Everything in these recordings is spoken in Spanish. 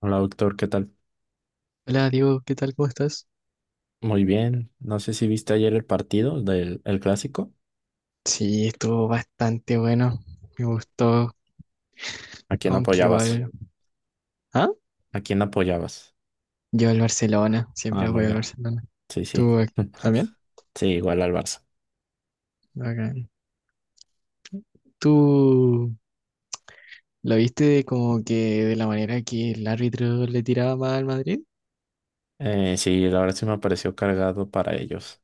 Hola doctor, ¿qué tal? Hola Diego, ¿qué tal? ¿Cómo estás? Muy bien. No sé si viste ayer el partido del el clásico. Sí, estuvo bastante bueno, me gustó, ¿A quién aunque apoyabas? igual. ¿Ah? ¿A quién apoyabas? Yo al Barcelona, Ah, siempre muy voy al bien. Barcelona. Sí, sí. ¿Tú también? Sí, igual al Barça. Bacán. ¿Tú lo viste como que de la manera que el árbitro le tiraba más al Madrid? Sí, la verdad sí me pareció cargado para ellos.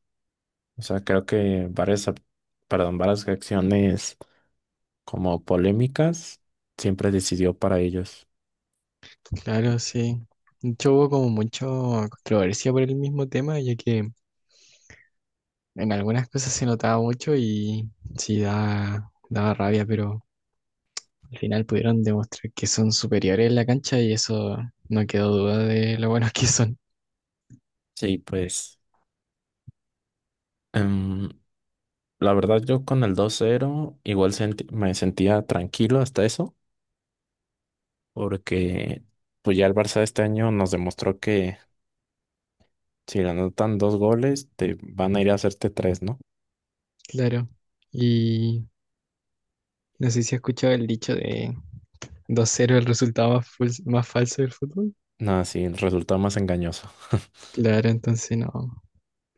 O sea, creo que perdón, varias acciones como polémicas siempre decidió para ellos. Claro, sí. De hecho, hubo como mucha controversia por el mismo tema, ya que en algunas cosas se notaba mucho y sí daba rabia, pero. Al final pudieron demostrar que son superiores en la cancha y eso no quedó duda de lo buenos que son. Sí, pues em, la verdad yo con el 2-0 igual me sentía tranquilo hasta eso. Porque pues ya el Barça este año nos demostró que si le anotan dos goles, te van a ir a hacerte tres, ¿no? Claro. Y no sé si has escuchado el dicho de 2-0, el resultado más falso del fútbol. Nada, sí, el resultado más engañoso. Claro, entonces no.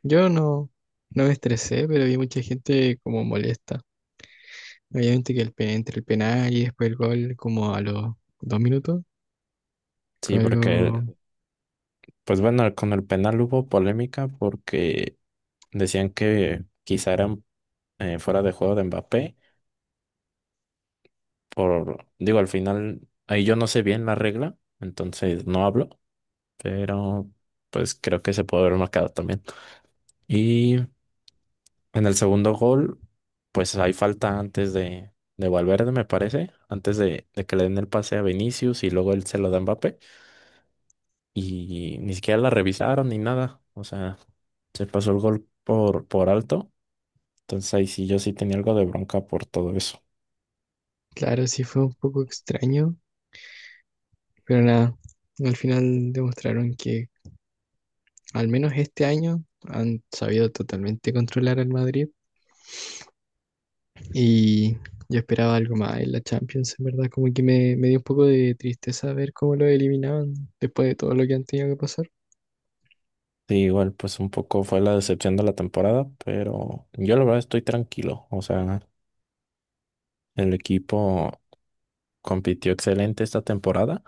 Yo no, no me estresé, pero vi mucha gente como molesta. Obviamente que entre el penal y después el gol, como a los 2 minutos, Sí, fue porque, algo, pues bueno, con el penal hubo polémica porque decían que quizá era fuera de juego de Mbappé, por, digo, al final, ahí yo no sé bien la regla, entonces no hablo, pero pues creo que se puede haber marcado también. Y en el segundo gol, pues hay falta antes de Valverde, me parece, antes de que le den el pase a Vinicius y luego él se lo da a Mbappé. Y ni siquiera la revisaron ni nada. O sea, se pasó el gol por alto. Entonces ahí sí yo sí tenía algo de bronca por todo eso. claro, sí fue un poco extraño, pero nada, al final demostraron que al menos este año han sabido totalmente controlar al Madrid y yo esperaba algo más en la Champions, en verdad, como que me dio un poco de tristeza ver cómo lo eliminaban después de todo lo que han tenido que pasar. Sí, igual pues un poco fue la decepción de la temporada, pero yo la verdad estoy tranquilo. O sea, el equipo compitió excelente esta temporada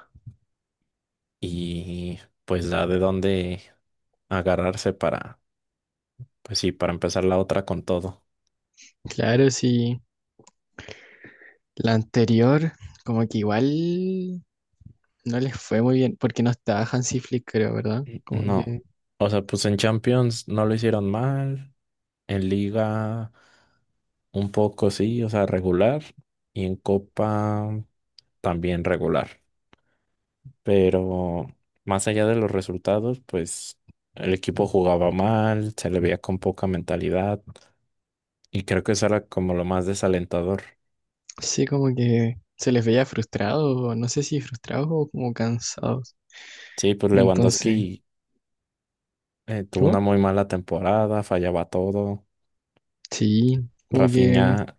y pues da de dónde agarrarse para Pues sí, para empezar la otra con todo. Claro, sí, la anterior como que igual no les fue muy bien porque no estaba Hansi Flick, creo, ¿verdad? N- Como No. que O sea, pues en Champions no lo hicieron mal. En Liga un poco sí, o sea, regular. Y en Copa también regular. Pero más allá de los resultados, pues el equipo jugaba mal, se le veía con poca mentalidad. Y creo que eso era como lo más desalentador. sí, como que se les veía frustrados, no sé si frustrados o como cansados. Sí, pues Entonces, Lewandowski tuvo ¿cómo? una muy mala temporada, fallaba todo. Sí, como que Rafinha,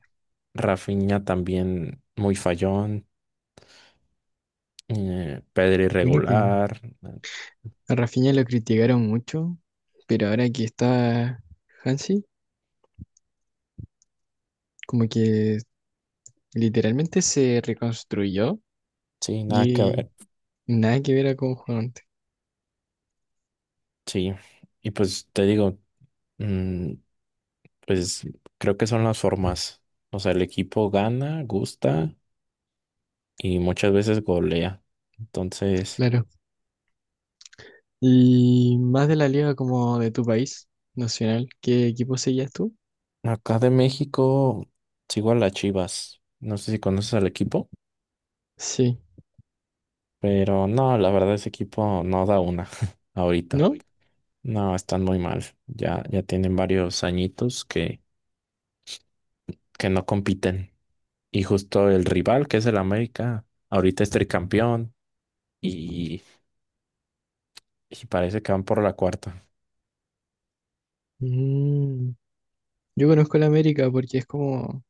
Rafinha también muy fallón. Pedri bueno que irregular. A Rafinha lo criticaron mucho, pero ahora que está Hansi, como que literalmente se reconstruyó Sí, nada que y ver. nada que ver a cómo jugaba antes, Sí. Y pues te digo, mm, pues creo que son las formas. O sea, el equipo gana, gusta y muchas veces golea. Entonces, claro. Y más de la liga como de tu país nacional, ¿qué equipo seguías tú? acá de México sigo a las Chivas. No sé si conoces al equipo, Sí, pero no, la verdad ese equipo no da una ahorita. ¿no? No, están muy mal. Ya, ya tienen varios añitos que no compiten. Y justo el rival, que es el América, ahorita es tricampeón y, y parece que van por la cuarta. Mm, yo conozco el América porque es como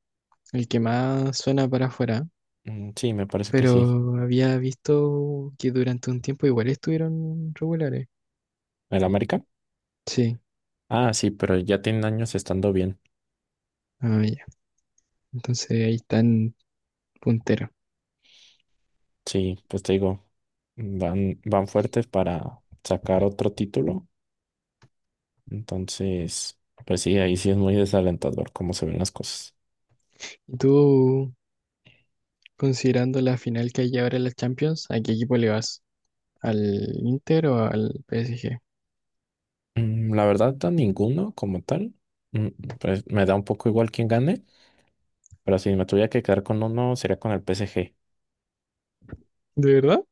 el que más suena para afuera, Mm, sí, me parece que sí. pero había visto que durante un tiempo igual estuvieron regulares. ¿El América? Sí, Ah, sí, pero ya tienen años estando bien. ah, ya. Entonces ahí están punteros. Sí, pues te digo, van fuertes para sacar otro título. Entonces, pues sí, ahí sí es muy desalentador cómo se ven las cosas. ¿Y tú, considerando la final que hay ahora en la Champions, a qué equipo le vas? ¿Al Inter o al PSG? Mm, la verdad, a ninguno como tal. Mm, pues me da un poco igual quién gane, pero si me tuviera que quedar con uno, sería con el PSG. ¿De verdad?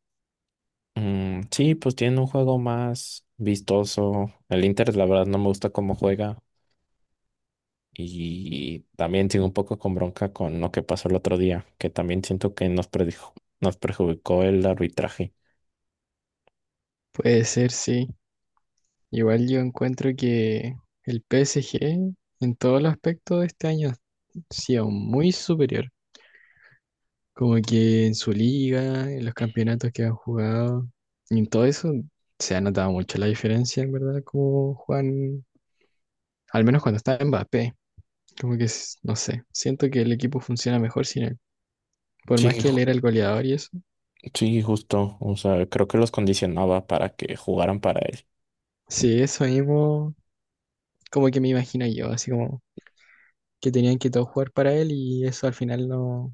Mm, sí, pues tiene un juego más vistoso. El Inter, la verdad, no me gusta cómo juega. Y también sigo un poco con bronca con lo que pasó el otro día, que también siento que nos perjudicó el arbitraje. Puede ser, sí. Igual yo encuentro que el PSG en todos los aspectos de este año sí ha sido muy superior. Como que en su liga, en los campeonatos que han jugado, y en todo eso se ha notado mucho la diferencia, en verdad, como Juan, al menos cuando está Mbappé. Como que, no sé, siento que el equipo funciona mejor sin él. Por Sí, más que él ju- era el goleador y eso. sí, justo. O sea, creo que los condicionaba para que jugaran para él. Sí, eso mismo, como que me imagino yo, así como que tenían que todos jugar para él y eso al final no,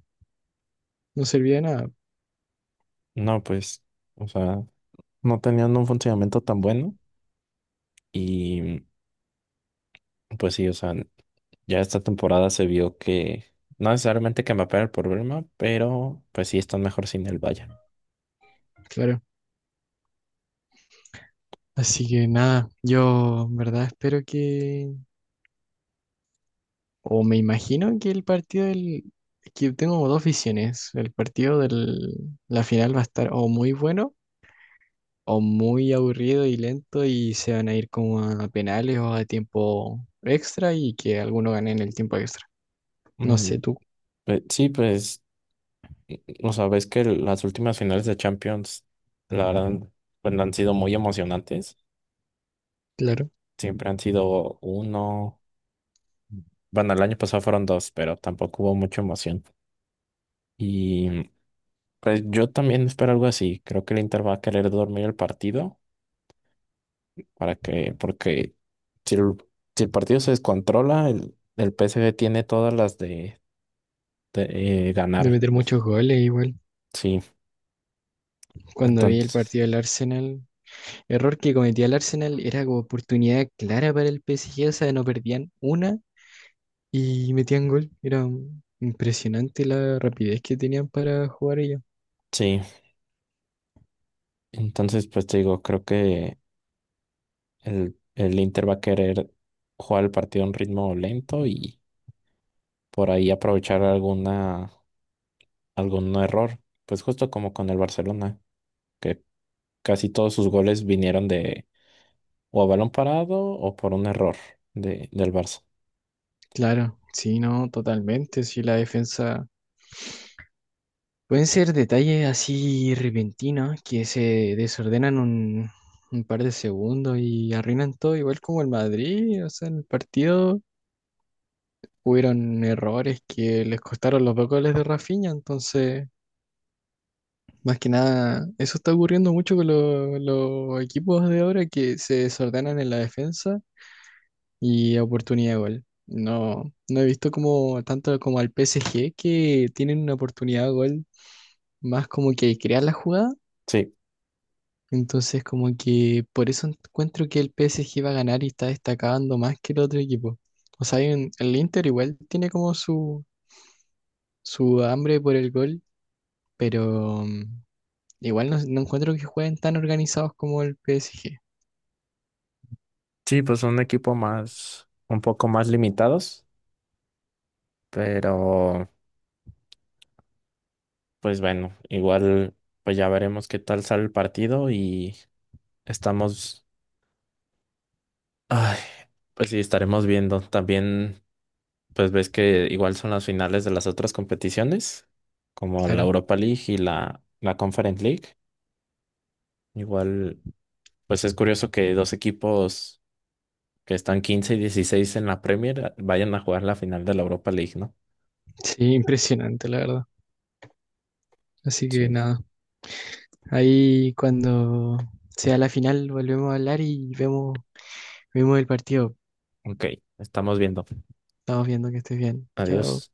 no servía de nada, No, pues, o sea, no tenían un funcionamiento tan bueno. Y pues sí, o sea, ya esta temporada se vio que no necesariamente que me el problema, pero pues sí están mejor sin el Bayern. claro. Así que nada, yo en verdad espero que, o me imagino que el partido que tengo como dos visiones, el partido de la final va a estar o muy bueno o muy aburrido y lento y se van a ir como a penales o a tiempo extra y que alguno gane en el tiempo extra. No Mm, sé tú, pues, sí, pues, o sea, ves que las últimas finales de Champions, la verdad, pues, han sido muy emocionantes. claro, Siempre han sido uno. Bueno, el año pasado fueron dos, pero tampoco hubo mucha emoción. Y pues yo también espero algo así. Creo que el Inter va a querer dormir el partido para que, porque si el, si el partido se descontrola, el PSG tiene todas las de de ganar. meter muchos goles igual. Sí, Cuando vi el entonces, partido del Arsenal, error que cometía el Arsenal era como oportunidad clara para el PSG, o sea, no perdían una y metían gol. Era impresionante la rapidez que tenían para jugar ellos. sí, entonces pues te digo, creo que el Inter va a querer jugar el partido a un ritmo lento y por ahí aprovechar algún error, pues justo como con el Barcelona, que casi todos sus goles vinieron de o a balón parado o por un error del Barça. Claro, sí, no, totalmente, sí, la defensa pueden ser detalles así repentinos que se desordenan un par de segundos y arruinan todo, igual como el Madrid, o sea, en el partido hubieron errores que les costaron los 2 goles de Rafinha, entonces, más que nada, eso está ocurriendo mucho con los equipos de ahora que se desordenan en la defensa y oportunidad de gol. No, no he visto como tanto como al PSG que tienen una oportunidad de gol más como que crear la jugada. Sí. Entonces, como que por eso encuentro que el PSG va a ganar y está destacando más que el otro equipo. O sea, el Inter igual tiene como su hambre por el gol, pero igual no, no encuentro que jueguen tan organizados como el PSG. Sí, pues un equipo un poco más limitados, pero pues bueno, igual pues ya veremos qué tal sale el partido y estamos, ay, pues sí, estaremos viendo. También pues ves que igual son las finales de las otras competiciones, como la Claro. Europa League y la Conference League. Igual pues es curioso que dos equipos que están 15 y 16 en la Premier vayan a jugar la final de la Europa League, ¿no? Sí, impresionante, la verdad. Así que Sí. nada, ahí cuando sea la final volvemos a hablar y vemos el partido. Ok, estamos viendo. Estamos viendo que estés bien. Adiós. Chao.